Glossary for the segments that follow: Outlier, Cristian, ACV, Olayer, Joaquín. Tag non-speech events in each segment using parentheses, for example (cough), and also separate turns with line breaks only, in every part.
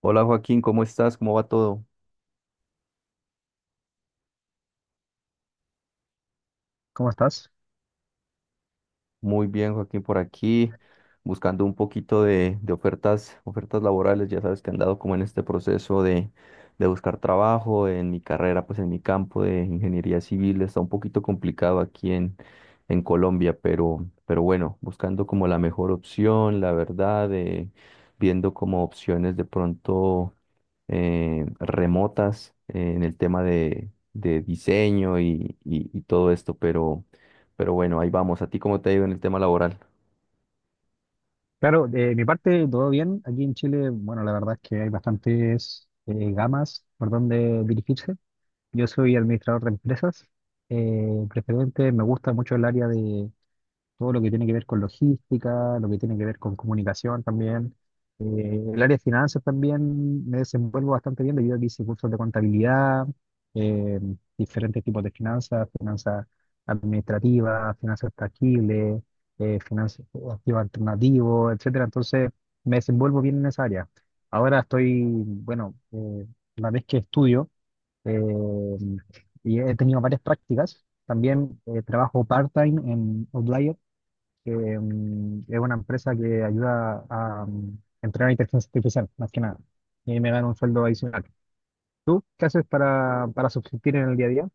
Hola Joaquín, ¿cómo estás? ¿Cómo va todo?
¿Cómo estás?
Muy bien, Joaquín, por aquí, buscando un poquito de ofertas, ofertas laborales. Ya sabes que han dado como en este proceso de buscar trabajo en mi carrera, pues en mi campo de ingeniería civil. Está un poquito complicado en Colombia, pero bueno, buscando como la mejor opción, la verdad, viendo como opciones de pronto remotas en el tema de diseño y todo esto, pero... Pero bueno, ahí vamos. ¿A ti cómo te ha ido en el tema laboral?
Claro, de mi parte todo bien. Aquí en Chile, bueno, la verdad es que hay bastantes gamas por donde dirigirse. Yo soy administrador de empresas. Preferente, me gusta mucho el área de, todo lo que tiene que ver con logística, lo que tiene que ver con comunicación también. El área de finanzas también me desenvuelvo bastante bien debido a que hice cursos de contabilidad, eh, diferentes tipos de finanzas, finanzas administrativas, finanzas tangibles, finanzas activos alternativos, etcétera. Entonces me desenvuelvo bien en esa área. Ahora estoy, bueno, la vez que estudio eh, y he tenido varias prácticas, también trabajo part-time en Outlier que es una empresa que ayuda a entrenar inteligencia artificial, más que nada. Y ahí me gano un sueldo adicional. ¿Tú qué haces para subsistir en el día a día?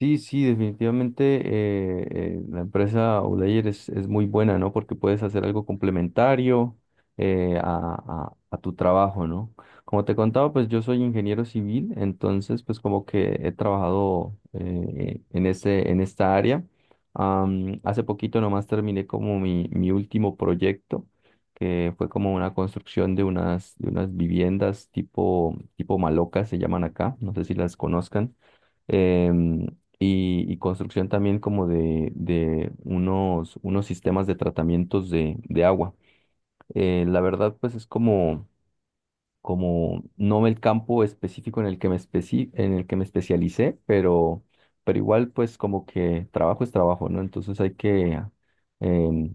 Sí, sí, definitivamente la empresa Olayer es muy buena, ¿no? Porque puedes hacer algo complementario a tu trabajo, ¿no? Como te contaba, pues yo soy ingeniero civil, entonces pues como que he trabajado en esta área. Hace poquito nomás terminé como mi último proyecto, que fue como una construcción de de unas viviendas tipo, tipo malocas, se llaman acá, no sé si las conozcan. Em, y, y construcción también como de unos, unos sistemas de tratamientos de agua. La verdad, pues es como no el campo específico en el que en el que me especialicé, pero igual pues como que trabajo es trabajo, ¿no? Entonces hay que em,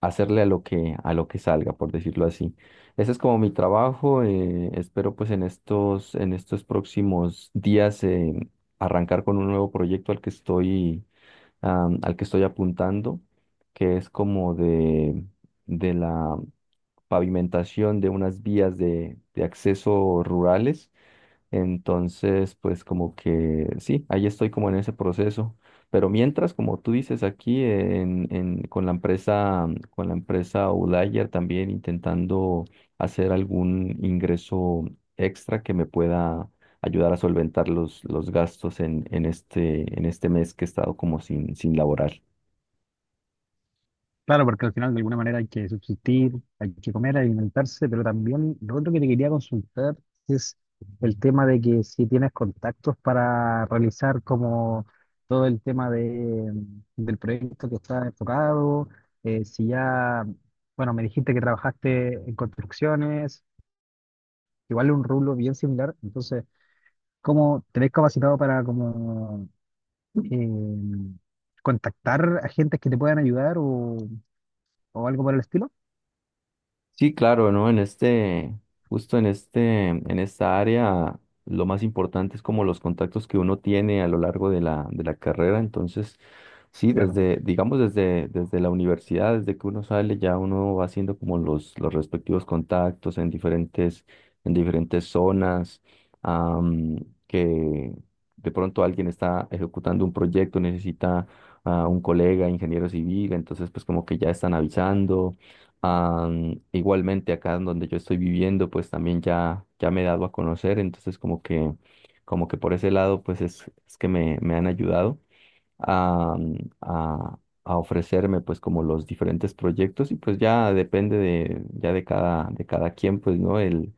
hacerle a lo a lo que salga, por decirlo así. Ese es como mi trabajo. Espero pues en en estos próximos días arrancar con un nuevo proyecto al que estoy al que estoy apuntando, que es como de la pavimentación de unas vías de acceso rurales. Entonces, pues como que sí, ahí estoy como en ese proceso. Pero mientras, como tú dices aquí, con la empresa Outlier también intentando hacer algún ingreso extra que me pueda ayudar a solventar los gastos en este mes que he estado como sin, sin laborar.
Claro, porque al final de alguna manera hay que subsistir, hay que comer, alimentarse, pero también lo otro que te quería consultar es el tema de que si tienes contactos para realizar como todo el tema de, del proyecto que está enfocado, si ya, bueno, me dijiste que trabajaste en construcciones, igual es un rublo bien similar. Entonces, ¿cómo te ves capacitado para como eh, contactar a gente que te puedan ayudar o algo por el estilo?
Sí, claro, ¿no? Justo en este, en esta área, lo más importante es como los contactos que uno tiene a lo largo de la carrera. Entonces, sí,
Claro,
desde, digamos, desde la universidad, desde que uno sale, ya uno va haciendo como los respectivos contactos en en diferentes zonas, am, que de pronto alguien está ejecutando un proyecto, necesita a un colega, ingeniero civil, entonces pues como que ya están avisando. Igualmente acá en donde yo estoy viviendo, pues también ya, ya me he dado a conocer, entonces como que por ese lado, pues es que me han ayudado a, a, a ofrecerme pues como los diferentes proyectos y pues ya depende ya de cada quien, pues, ¿no?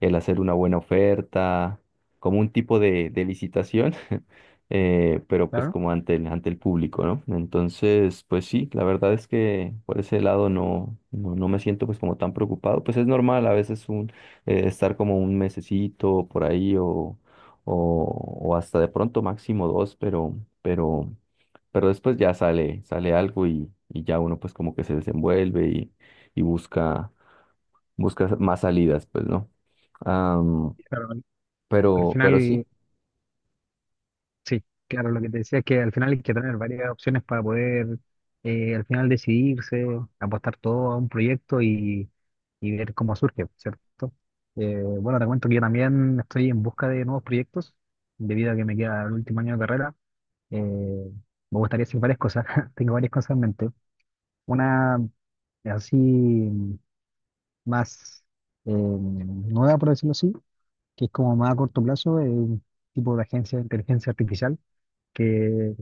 El hacer una buena oferta, como un tipo de licitación, (laughs) pero pues
claro.
como ante ante el público, ¿no? Entonces, pues sí, la verdad es que por ese lado no, no, no me siento pues como tan preocupado, pues es normal a veces estar como un mesecito por ahí o hasta de pronto máximo dos, pero, pero después ya sale, sale algo y ya uno pues como que se desenvuelve y busca, busca más salidas, pues, ¿no? Am,
Claro. Al
pero sí.
final, sí, claro, lo que te decía es que al final hay que tener varias opciones para poder al final decidirse, apostar todo a un proyecto y ver cómo surge, ¿cierto? Bueno, te cuento que yo también estoy en busca de nuevos proyectos, debido a que me queda el último año de carrera. Me gustaría hacer varias cosas, (laughs) tengo varias cosas en mente. Una así más nueva, por decirlo así, que es como más a corto plazo, un tipo de agencia de inteligencia artificial que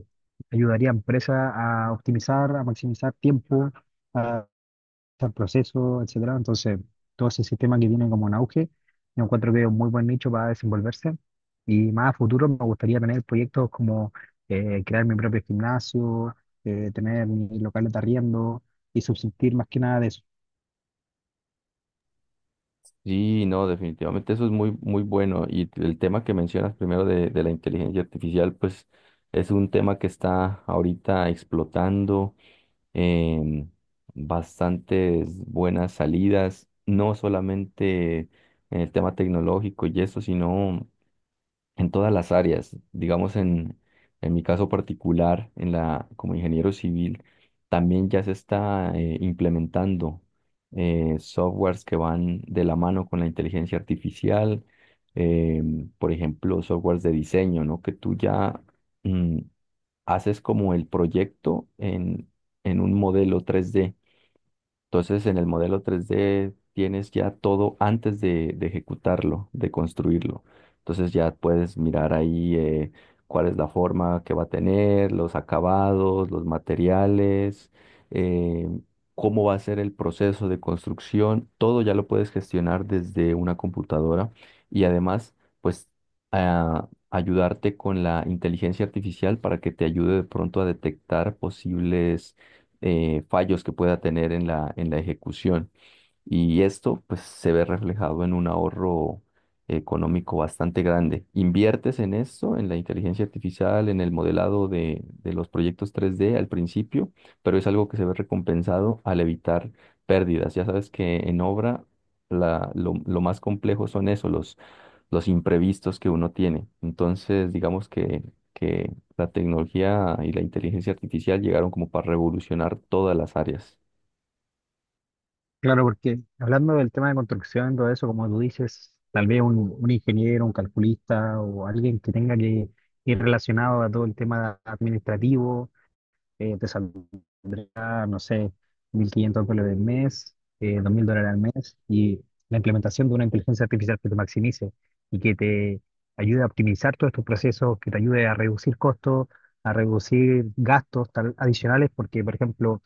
ayudaría a empresas a optimizar, a maximizar tiempo, al proceso, etcétera. Entonces, todo ese sistema que tiene como un auge, yo encuentro que es un muy buen nicho para desenvolverse. Y más a futuro me gustaría tener proyectos como crear mi propio gimnasio, tener mis locales de arriendo y subsistir más que nada de eso.
Sí, no, definitivamente eso es muy, muy bueno. Y el tema que mencionas primero de la inteligencia artificial, pues es un tema que está ahorita explotando. em, Bastantes buenas salidas, no solamente en el tema tecnológico y eso, sino en todas las áreas. Digamos, en mi caso particular, en la, como ingeniero civil, también ya se está implementando softwares que van de la mano con la inteligencia artificial, eh, por ejemplo, softwares de diseño, ¿no? Que tú ya mm, haces como el proyecto en un modelo tres d. Entonces, en el modelo 3D tienes ya todo antes de ejecutarlo, de construirlo. Entonces ya puedes mirar ahí cuál es la forma que va a tener, los acabados, los materiales, eh, cómo va a ser el proceso de construcción. Todo ya lo puedes gestionar desde una computadora y además, pues, ayudarte con la inteligencia artificial para que te ayude de pronto a detectar posibles fallos que pueda tener en en la ejecución. Y esto pues se ve reflejado en un ahorro económico bastante grande. Inviertes en esto, en la inteligencia artificial, en el modelado de los proyectos tres d al principio, pero es algo que se ve recompensado al evitar pérdidas. Ya sabes que en obra lo más complejo son eso, los imprevistos que uno tiene. Entonces, digamos que la tecnología y la inteligencia artificial llegaron como para revolucionar todas las áreas.
Claro, porque hablando del tema de construcción, todo eso, como tú dices, tal vez un ingeniero, un calculista o alguien que tenga que ir relacionado a todo el tema administrativo, te saldrá a, no sé, $1.500 al mes, $2.000 al mes, y la implementación de una inteligencia artificial que te maximice y que te ayude a optimizar todos estos procesos, que te ayude a reducir costos, a reducir gastos tal- adicionales, porque, por ejemplo,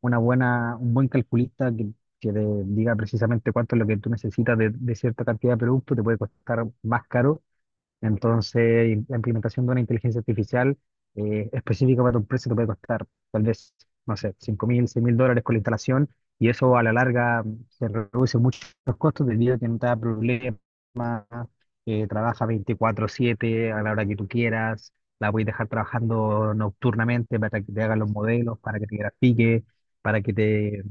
una buena, un buen calculista que te diga precisamente cuánto es lo que tú necesitas de cierta cantidad de producto te puede costar más caro. Entonces, y la implementación de una inteligencia artificial específica para tu empresa te puede costar tal vez, no sé, 5.000, $6.000 con la instalación, y eso a la larga se reduce muchos costos debido a que no te da problemas, trabaja 24/7 a la hora que tú quieras, la puedes dejar trabajando nocturnamente para que te hagan los modelos, para que te grafique, para que te...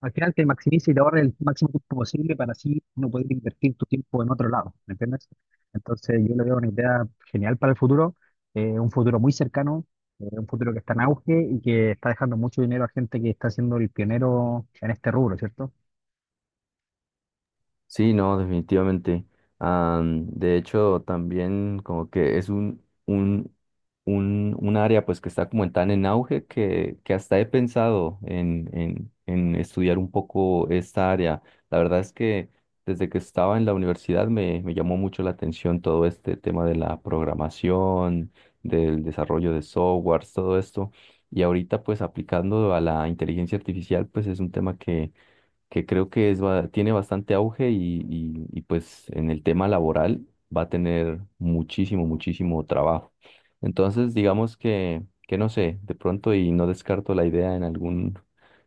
Al final te maximice y te ahorre el máximo tiempo posible para así no poder invertir tu tiempo en otro lado, ¿me entiendes? Entonces yo le veo una idea genial para el futuro, un futuro muy cercano, un futuro que está en auge y que está dejando mucho dinero a gente que está siendo el pionero en este rubro, ¿cierto?
Sí, no, definitivamente. De hecho, también como que es un área pues que está como en tan en auge que hasta he pensado en estudiar un poco esta área. La verdad es que desde que estaba en la universidad me, me llamó mucho la atención todo este tema de la programación, del desarrollo de softwares, todo esto. Y ahorita pues aplicando a la inteligencia artificial pues es un tema que creo que tiene bastante auge y, pues en el tema laboral va a tener muchísimo, muchísimo trabajo. Entonces, digamos que no sé, de pronto y no descarto la idea en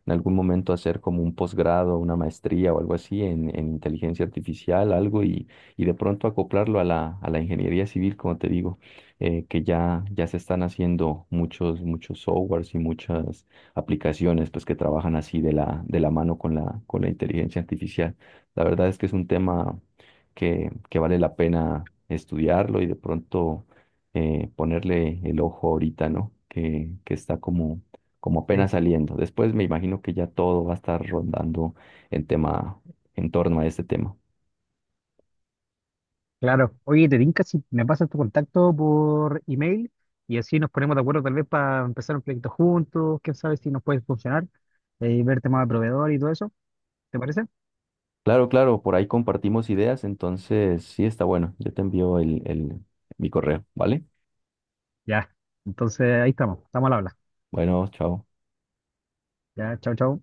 en algún momento hacer como un posgrado, una maestría o algo así en inteligencia artificial, algo y de pronto acoplarlo a a la ingeniería civil, como te digo, que ya, ya se están haciendo muchos, muchos softwares y muchas aplicaciones pues que trabajan así de de la mano con con la inteligencia artificial. La verdad es que es un tema que vale la pena estudiarlo y de pronto ponerle el ojo ahorita, ¿no? Que está como, como
Sí.
apenas saliendo. Después me imagino que ya todo va a estar rondando en tema, en torno a este tema.
Claro. Oye, te tinca si me pasas tu contacto por email y así nos ponemos de acuerdo tal vez para empezar un proyecto juntos, quién sabe si nos puede funcionar, y ver temas de proveedor y todo eso, ¿te parece?
Claro, claro, por ahí compartimos ideas, entonces sí está bueno. Yo te envío el, mi correo, ¿vale?
Ya. Entonces ahí estamos, estamos al habla.
Bueno, chao.
Ya, chao, chao.